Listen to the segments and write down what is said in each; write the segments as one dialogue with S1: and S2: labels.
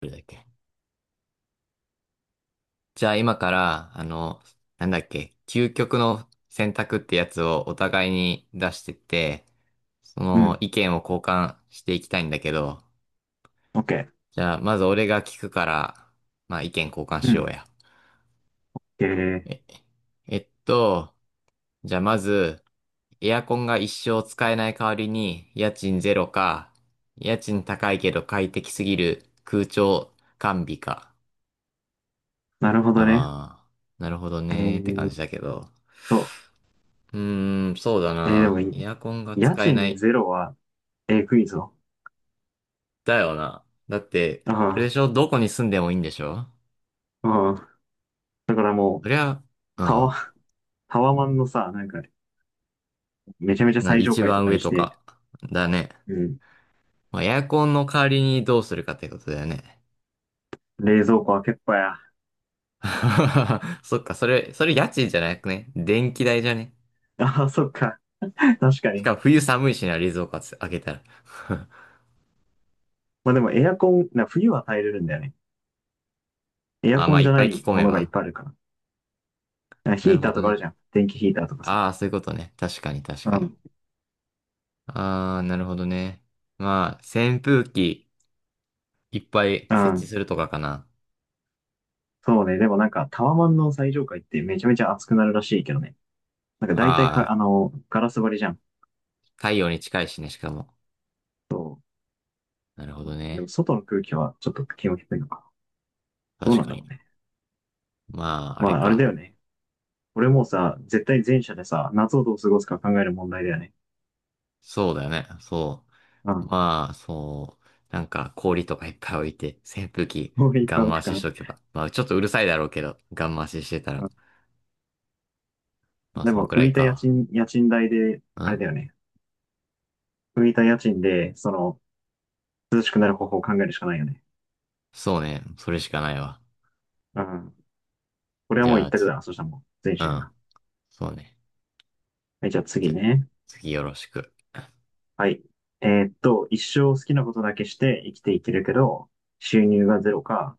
S1: どれだっけ。じゃあ今から、なんだっけ、究極の選択ってやつをお互いに出してって、そ
S2: う
S1: の
S2: ん。
S1: 意見を交換していきたいんだけど、
S2: OK。
S1: じゃあまず俺が聞くから、まあ意見交換
S2: う
S1: しよ
S2: ん。
S1: うや。
S2: えー、
S1: え、えっと、じゃあまず、エアコンが一生使えない代わりに、家賃ゼロか、家賃高いけど快適すぎる空調完備か。
S2: なるほどね。
S1: ああ、なるほど
S2: え
S1: ねーって
S2: ー
S1: 感
S2: っ
S1: じだけど。
S2: と、
S1: うーん、そうだ
S2: で
S1: な。
S2: もいい、
S1: エアコンが
S2: 家
S1: 使えな
S2: 賃
S1: い。
S2: ゼロは、クイズを。
S1: だよな。だって、あれ
S2: あ
S1: でしょ、どこに住んでもいいんでしょ。
S2: あ、ああ。だからも
S1: そ
S2: う、
S1: りゃ、う
S2: タワ、
S1: ん。
S2: タワマンのさ、めちゃめちゃ
S1: な、
S2: 最上
S1: 一
S2: 階と
S1: 番
S2: か
S1: 上
S2: にし
S1: と
S2: て、
S1: か。だね。
S2: うん。
S1: まあ、エアコンの代わりにどうするかってことだよね。
S2: 冷蔵庫開けっぱや。
S1: そっか、それ家賃じゃなくね。電気代じゃね。
S2: ああ、そっか。確か
S1: し
S2: に。
S1: かも冬寒いしな、冷蔵庫開けたら。
S2: まあでもエアコン、な冬は耐えれるんだよね。エア
S1: あ、
S2: コ
S1: まあ、
S2: ン
S1: い
S2: じ
S1: っ
S2: ゃ
S1: ぱ
S2: な
S1: い着
S2: い
S1: 込
S2: も
S1: め
S2: のがいっ
S1: ば。
S2: ぱいあるから。あ
S1: な
S2: ヒ
S1: る
S2: ータ
S1: ほ
S2: ー
S1: ど
S2: とかある
S1: ね。
S2: じゃん。電気ヒーターとかさ。
S1: ああ、そういうことね。確かに、確
S2: う
S1: かに。
S2: ん。
S1: ああ、なるほどね。まあ、扇風機。いっぱい
S2: う
S1: 設置
S2: ん。
S1: するとかかな。
S2: そうね。でもなんかタワマンの最上階ってめちゃめちゃ暑くなるらしいけどね。なんか大体
S1: あ
S2: か、
S1: あ、
S2: ガラス張りじゃん。
S1: 太陽に近いしね、しかも。
S2: そ
S1: なるほ
S2: う。
S1: ど
S2: でも
S1: ね。
S2: 外の空気はちょっと気温低いのか。どう
S1: 確
S2: なん
S1: か
S2: だろ
S1: に。
S2: うね。
S1: まあ、あ
S2: ま
S1: れ
S2: あ、あれだ
S1: か。
S2: よね。俺もさ、絶対前者でさ、夏をどう過ごすか考える問題だよね。
S1: そうだよね。そ
S2: う
S1: う。
S2: ん。
S1: まあ、そう。なんか、氷とかいっぱい置いて、扇風機、
S2: こうい
S1: ガ
S2: パ
S1: ン
S2: ン
S1: 回
S2: クか
S1: しし
S2: な。
S1: とけば。まあ、ちょっとうるさいだろうけど、ガン回ししてた
S2: う
S1: ら。
S2: ん。
S1: まあ、
S2: で
S1: そん
S2: も、
S1: くら
S2: 浮
S1: い
S2: いた家
S1: か。
S2: 賃、家賃代で、あれ
S1: ん、
S2: だよね。浮いた家賃で、その、涼しくなる方法を考えるしかないよね。
S1: そうね。それしかないわ。
S2: うん。これは
S1: じ
S2: もう
S1: ゃ
S2: 一
S1: あ、
S2: 択
S1: つ、
S2: だな。そしたらもう、前
S1: う
S2: 者や
S1: ん。
S2: な。
S1: そうね。
S2: はい、じゃあ
S1: じ
S2: 次
S1: ゃ、
S2: ね。
S1: 次よろしく。
S2: はい。一生好きなことだけして生きていけるけど、収入がゼロか、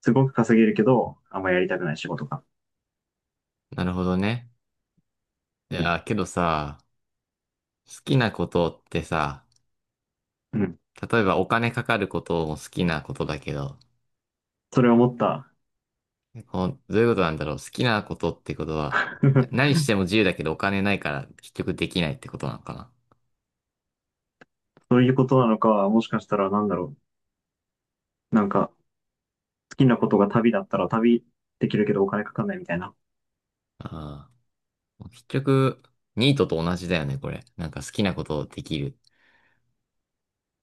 S2: すごく稼げるけど、あんまやりたくない仕事か。
S1: なるほどね。い
S2: うん。
S1: や、けどさ、好きなことってさ、
S2: うん。
S1: 例えばお金かかることも好きなことだけど、
S2: それ思った。
S1: こう、どういうことなんだろう。好きなことってことは、何 しても自由だけどお金ないから結局できないってことなのかな。
S2: そういうことなのか、もしかしたらなんだろう。なんか、好きなことが旅だったら旅できるけどお金かかんないみたいな。
S1: ああ。結局、ニートと同じだよね、これ。なんか好きなことできる。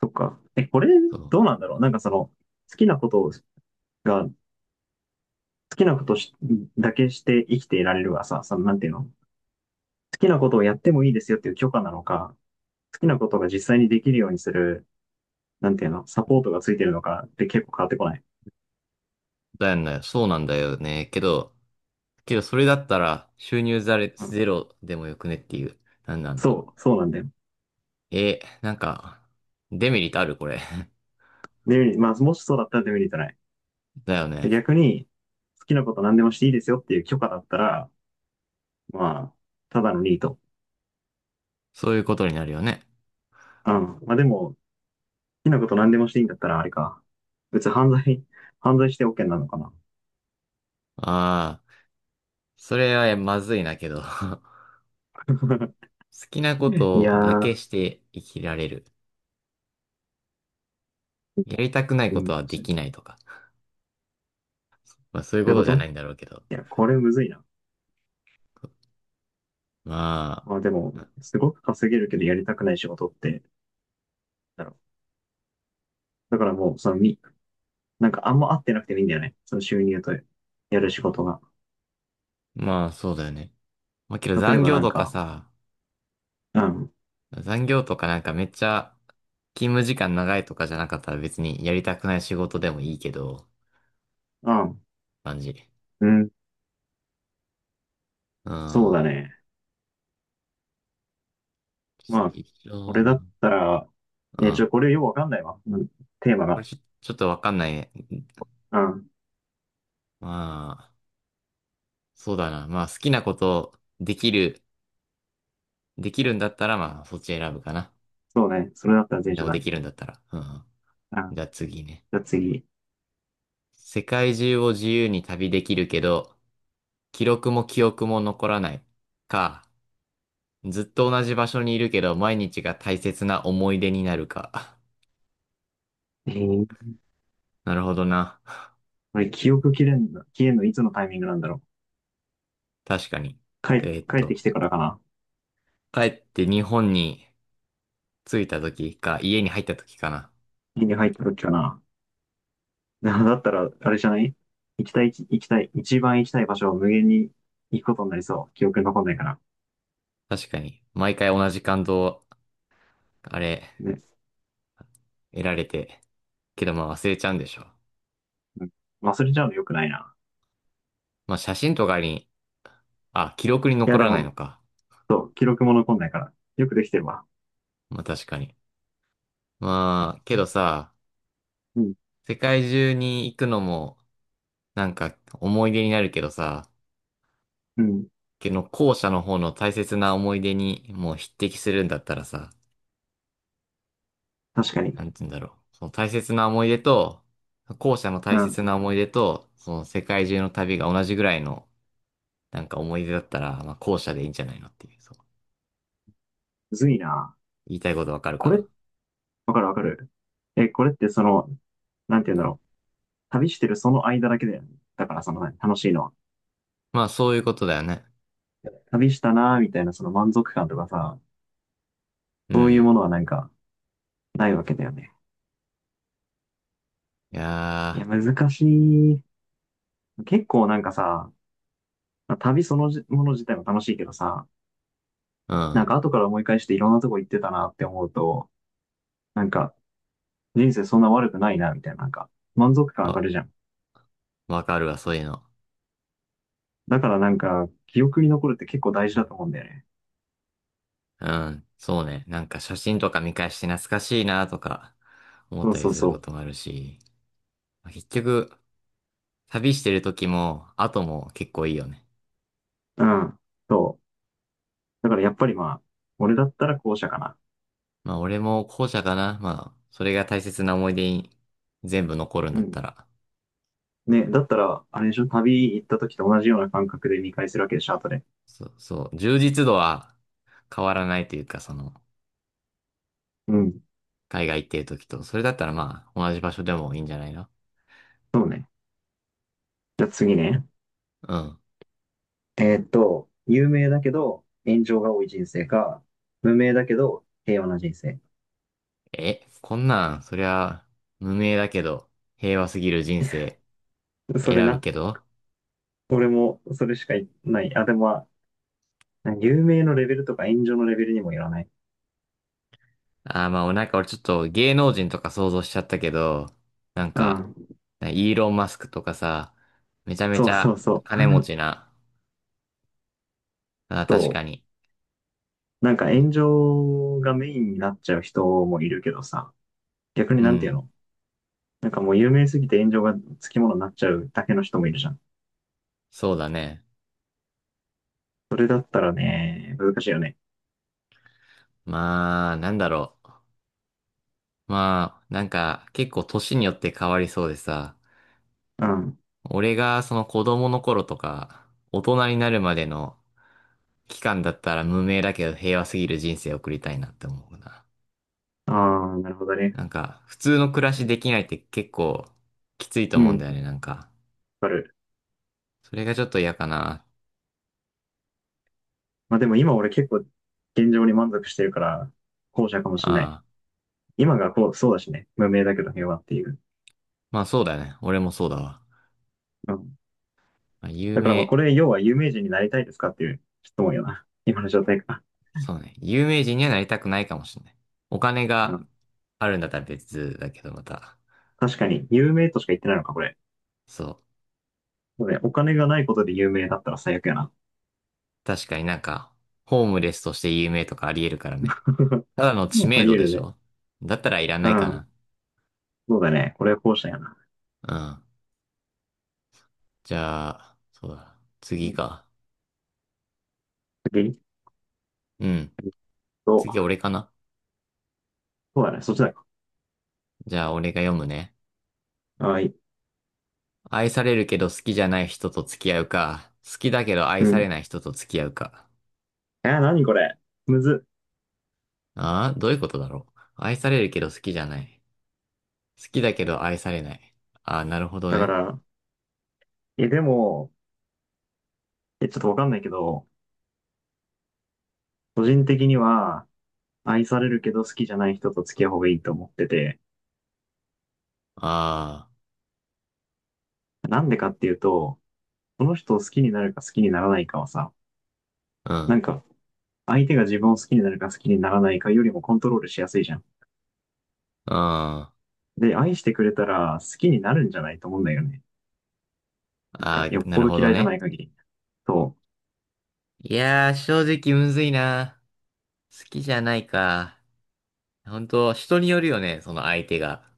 S2: そっか。え、これ、
S1: そう。
S2: どうなんだろう。なんかその、好きなことが、好きなことしだけして生きていられるがさ、その、なんていうの好きなことをやってもいいですよっていう許可なのか、好きなことが実際にできるようにする、なんていうのサポートがついてるのかって結構変わってこない。
S1: だよね。そうなんだよね。けどそれだったら収入ザレ
S2: うん。
S1: ゼロでもよくねっていう。何なんだろ
S2: そう、そうなんだよ。
S1: う。なんか、デメリットあるこれ。
S2: デメリット、まあ、もしそうだったらデメリットない。
S1: だよね。
S2: で逆に、好きなこと何でもしていいですよっていう許可だったら、まあ、ただのニート。
S1: そういうことになるよね。
S2: うん。まあでも、好きなこと何でもしていいんだったら、あれか。別に犯罪、犯罪して OK なのかな。
S1: ああ。それはまずいなけど、 好 きなこ
S2: い
S1: と
S2: や
S1: だけ
S2: ー、
S1: して生きられる。やりたくない
S2: う
S1: こ
S2: ん。
S1: とはで
S2: そう
S1: きないとか。まあそういう
S2: い
S1: こ
S2: う
S1: と
S2: こ
S1: じゃな
S2: と
S1: いんだろうけど。
S2: いや、これむずいな。
S1: ま
S2: まあでも、
S1: あ、
S2: すごく稼げるけどやりたくない仕事って、だろう。だからもう、そのみ、なんかあんま合ってなくてもいいんだよね。その収入とやる仕事が。
S1: まあそうだよね。まあけど
S2: 例え
S1: 残
S2: ば
S1: 業
S2: なん
S1: とか
S2: か、
S1: さ、
S2: うん、
S1: 残業とかなんかめっちゃ勤務時間長いとかじゃなかったら別にやりたくない仕事でもいいけど、
S2: うん、
S1: 感じ。
S2: うん、
S1: う
S2: そう
S1: ん。
S2: だね。まあ、
S1: 一
S2: こ
S1: 緒
S2: れだ
S1: な。
S2: ったら、
S1: う
S2: ね、ちょ、
S1: ん。
S2: これよくわかんないわ。うん、テーマ
S1: これ
S2: が。
S1: ちょ、ちょっとわかんないね。
S2: うん。
S1: まあ、そうだな。まあ好きなことできる。できるんだったら、まあ、そっち選ぶかな。
S2: そうね。それだったら全
S1: で
S2: 書
S1: も
S2: だ
S1: でき
S2: ね。
S1: るんだったら。うんうん。
S2: うん。
S1: じゃあ次ね。
S2: じゃあ次。
S1: 世界中を自由に旅できるけど、記録も記憶も残らない。か、ずっと同じ場所にいるけど、毎日が大切な思い出になるか。
S2: えー、
S1: なるほどな。
S2: これ記憶切れんの、消えんのいつのタイミングなんだろう。
S1: 確かに。え
S2: 帰、
S1: ーっ
S2: 帰っ
S1: と、
S2: てきてからかな。
S1: 帰って日本に着いた時か、家に入った時かな。
S2: 家に入った時かな。なだったら、あれじゃない行きたい、行きたい、一番行きたい場所を無限に行くことになりそう。記憶に残んないから。
S1: 確かに。毎回同じ感動、あれ、
S2: ね。
S1: 得られて。けどまあ忘れちゃうんでしょ。
S2: うん。忘れちゃうの良くないな。
S1: まあ写真とかに、あ、記録に
S2: いや、
S1: 残
S2: で
S1: らない
S2: も、
S1: のか。
S2: そう、記録も残んないから。よくできてるわ。
S1: まあ確かに。まあ、けどさ、
S2: うん。
S1: 世界中に行くのも、なんか思い出になるけどさ、
S2: うん。
S1: けど後者の方の大切な思い出にもう匹敵するんだったらさ、
S2: 確かに。
S1: なんて言うんだろう。その大切な思い出と、後者の
S2: う
S1: 大切
S2: ん
S1: な思い出と、その世界中の旅が同じぐらいの、なんか思い出だったら、まあ後者でいいんじゃないのっていう、そう。
S2: むずいな。
S1: 言いたいことわかる
S2: こ
S1: か
S2: れ、
S1: な。
S2: わかるわかる。え、これってその、なんて言うんだろう。旅してるその間だけだよね。だからその、何楽しいのは。
S1: まあそういうことだよね。
S2: 旅したなーみたいなその満足感とかさ、
S1: う
S2: そういうも
S1: ん。
S2: のはなんかないわけだよね。
S1: い
S2: いや、
S1: や
S2: 難しい。結構なんかさ、旅そのじもの自体も楽しいけどさ、
S1: ー、う
S2: なん
S1: ん。
S2: か後から思い返していろんなとこ行ってたなって思うと、なんか人生そんな悪くないなみたいな、なんか満足感上が
S1: わ、
S2: るじゃん。
S1: わかるわ、そういうの。
S2: だからなんか記憶に残るって結構大事だと思うんだよね。
S1: うん、そうね。なんか写真とか見返して懐かしいなとか思っ
S2: そう
S1: たり
S2: そう
S1: する
S2: そ
S1: こと
S2: う。
S1: もあるし、まあ結局、旅してる時も後も結構いいよね。
S2: うん。そう。だからやっぱりまあ、俺だったら後者かな。
S1: まあ俺も後者かな。まあ、それが大切な思い出に全部残るん
S2: う
S1: だった
S2: ん。
S1: ら。
S2: ね、だったら、あれでしょ旅行った時と同じような感覚で見返するわけでしょ後で。
S1: そう、そう、充実度は変わらないというか、その、
S2: うん。
S1: 海外行ってる時と、それだったらまあ同じ場所でもいいんじゃないの。
S2: そうね。じゃあ次ね。
S1: うん。
S2: 有名だけど炎上が多い人生か、無名だけど平和な人生。
S1: え、こんなん、そりゃ無名だけど、平和すぎる人生
S2: それ
S1: 選ぶ
S2: な。
S1: けど、
S2: 俺もそれしかいない。あ、でもまあ、有名のレベルとか炎上のレベルにもよらない。
S1: あーまあ、なんか俺ちょっと芸能人とか想像しちゃったけど、なん
S2: う
S1: か、
S2: ん。
S1: イーロン・マスクとかさ、めちゃめ
S2: そ
S1: ち
S2: うそ
S1: ゃ
S2: うそう。
S1: 金持ち な。あー、
S2: そ
S1: 確かに。
S2: う。なんか炎上がメインになっちゃう人もいるけどさ。逆に
S1: う
S2: なんていう
S1: ん。
S2: のなんかもう有名すぎて炎上がつきものになっちゃうだけの人もいるじゃん。
S1: そうだね。
S2: それだったらね、難しいよね。
S1: まあ、なんだろう。まあ、なんか結構年によって変わりそうでさ、
S2: うん。
S1: 俺がその子供の頃とか、大人になるまでの期間だったら無名だけど平和すぎる人生を送りたいなって思うな。
S2: ああ、なるほどね。
S1: なんか、普通の暮らしできないって結構きついと
S2: う
S1: 思
S2: ん、
S1: うんだよ
S2: わ
S1: ね、なんか。
S2: かる。
S1: それがちょっと嫌かな。
S2: まあでも今俺結構現状に満足してるから、後者かもしんない。
S1: ああ。
S2: 今がこう、そうだしね。無名だけど平和っていう。
S1: まあそうだよね。俺もそうだわ。
S2: うん。
S1: まあ、有
S2: だからまあこ
S1: 名、
S2: れ、要は有名人になりたいですかっていう質問よな。今の状態か。
S1: そうね。有名人にはなりたくないかもしれない。お金
S2: う
S1: が
S2: ん。
S1: あるんだったら別だけど、また。
S2: 確かに、有名としか言ってないのか、これ。
S1: そう。
S2: そうね、お金がないことで有名だったら最悪やな。
S1: 確かになんか、ホームレスとして有名とかあり得るからね。ただの知
S2: あ
S1: 名
S2: り
S1: 度
S2: 得
S1: で
S2: る
S1: し
S2: ね。
S1: ょ、だったらいらな
S2: う
S1: いか
S2: ん。
S1: な。
S2: そうだね。これは後者やな。
S1: うん。じゃあ、そうだ。
S2: う
S1: 次
S2: ん。
S1: か。
S2: 次
S1: うん。
S2: えっと、
S1: 次俺かな。
S2: そうだね、そっちだ。
S1: じゃあ俺が読むね。
S2: はい。
S1: 愛されるけど好きじゃない人と付き合うか、好きだけど愛
S2: う
S1: され
S2: ん。
S1: ない人と付き合うか。
S2: 何これむずっ。
S1: ああ、どういうことだろう。愛されるけど好きじゃない。好きだけど愛されない。ああ、なるほど
S2: だか
S1: ね。
S2: ら、え、でも、え、ちょっとわかんないけど、個人的には、愛されるけど好きじゃない人と付き合う方がいいと思ってて、
S1: あ
S2: なんでかっていうと、その人を好きになるか好きにならないかはさ、な
S1: あ、
S2: んか、相手が自分を好きになるか好きにならないかよりもコントロールしやすいじゃん。
S1: うん。うん。あ
S2: で、愛してくれたら好きになるんじゃないと思うんだよね。なんか、
S1: あ、
S2: よっ
S1: な
S2: ぽ
S1: る
S2: ど
S1: ほど
S2: 嫌いじゃ
S1: ね。
S2: ない限り。そ
S1: いやー、正直むずいな。好きじゃないか。本当人によるよね、その相手が。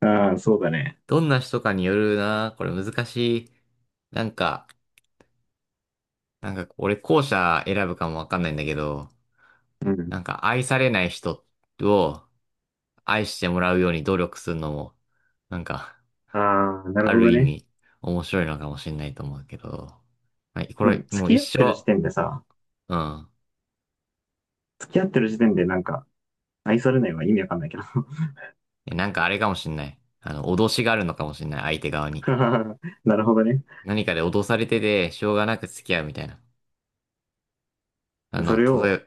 S2: う。ああ、そうだね。
S1: どんな人かによるな。これ難しい。なんか、なんか、俺後者選ぶかもわかんないんだけど、
S2: うん。
S1: なんか愛されない人を愛してもらうように努力するのも、なんか、
S2: ああ、なる
S1: あ
S2: ほ
S1: る
S2: ど
S1: 意
S2: ね。
S1: 味面白いのかもしれないと思うけど、はい、こ
S2: まあ、でも
S1: れもう
S2: 付き
S1: 一
S2: 合ってる時
S1: 生、
S2: 点でさ、
S1: うん。
S2: 付き合ってる時点でなんか、愛されないは意味わかんないけど。
S1: えなんかあれかもしれない。あの、脅しがあるのかもしれない、相手側に。
S2: なるほどね。
S1: 何かで脅されてて、しょうがなく付き合うみたいな。あ
S2: そ
S1: の、
S2: れ
S1: 例え
S2: を、
S1: ば、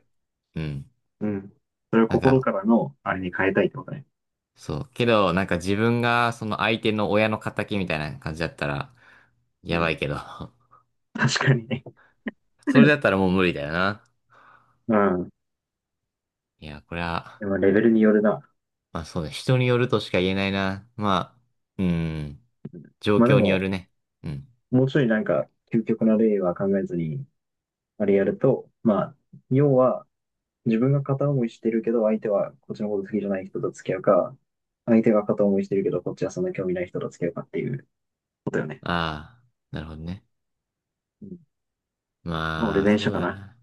S1: うん。
S2: うん。それを
S1: なん
S2: 心
S1: か、
S2: からの、あれに変えたいってことね。
S1: そう。けど、なんか自分がその相手の親の仇みたいな感じだったら、
S2: う
S1: やばい
S2: ん。
S1: けど。
S2: 確かにね。
S1: それだ ったらもう無理だよな。
S2: うん。
S1: いや、これは、
S2: でもレベルによるな。
S1: まあそうね、人によるとしか言えないな。まあ、うん、状
S2: まあで
S1: 況によ
S2: も、
S1: るね。うん。
S2: もうちょいなんか、究極な例は考えずに、あれやると、まあ、要は、自分が片思いしてるけど、相手はこっちのこと好きじゃない人と付き合うか、相手が片思いしてるけど、こっちはそんな興味ない人と付き合うかっていうことよね。
S1: ああ、なるほどね。
S2: うん。まあ俺
S1: まあ、
S2: 前
S1: そう
S2: 者か
S1: だ
S2: な。
S1: な。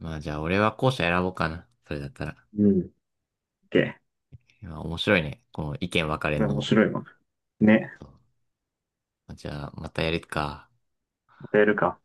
S1: まあじゃあ俺は後者選ぼうかな。それだったら。
S2: うん。オッケー。
S1: いや面白いね。この意見分かれ
S2: こ
S1: ん
S2: れ
S1: の
S2: 面
S1: も。
S2: 白いわ。ね。
S1: そう、じゃあ、またやるか。
S2: またやるか。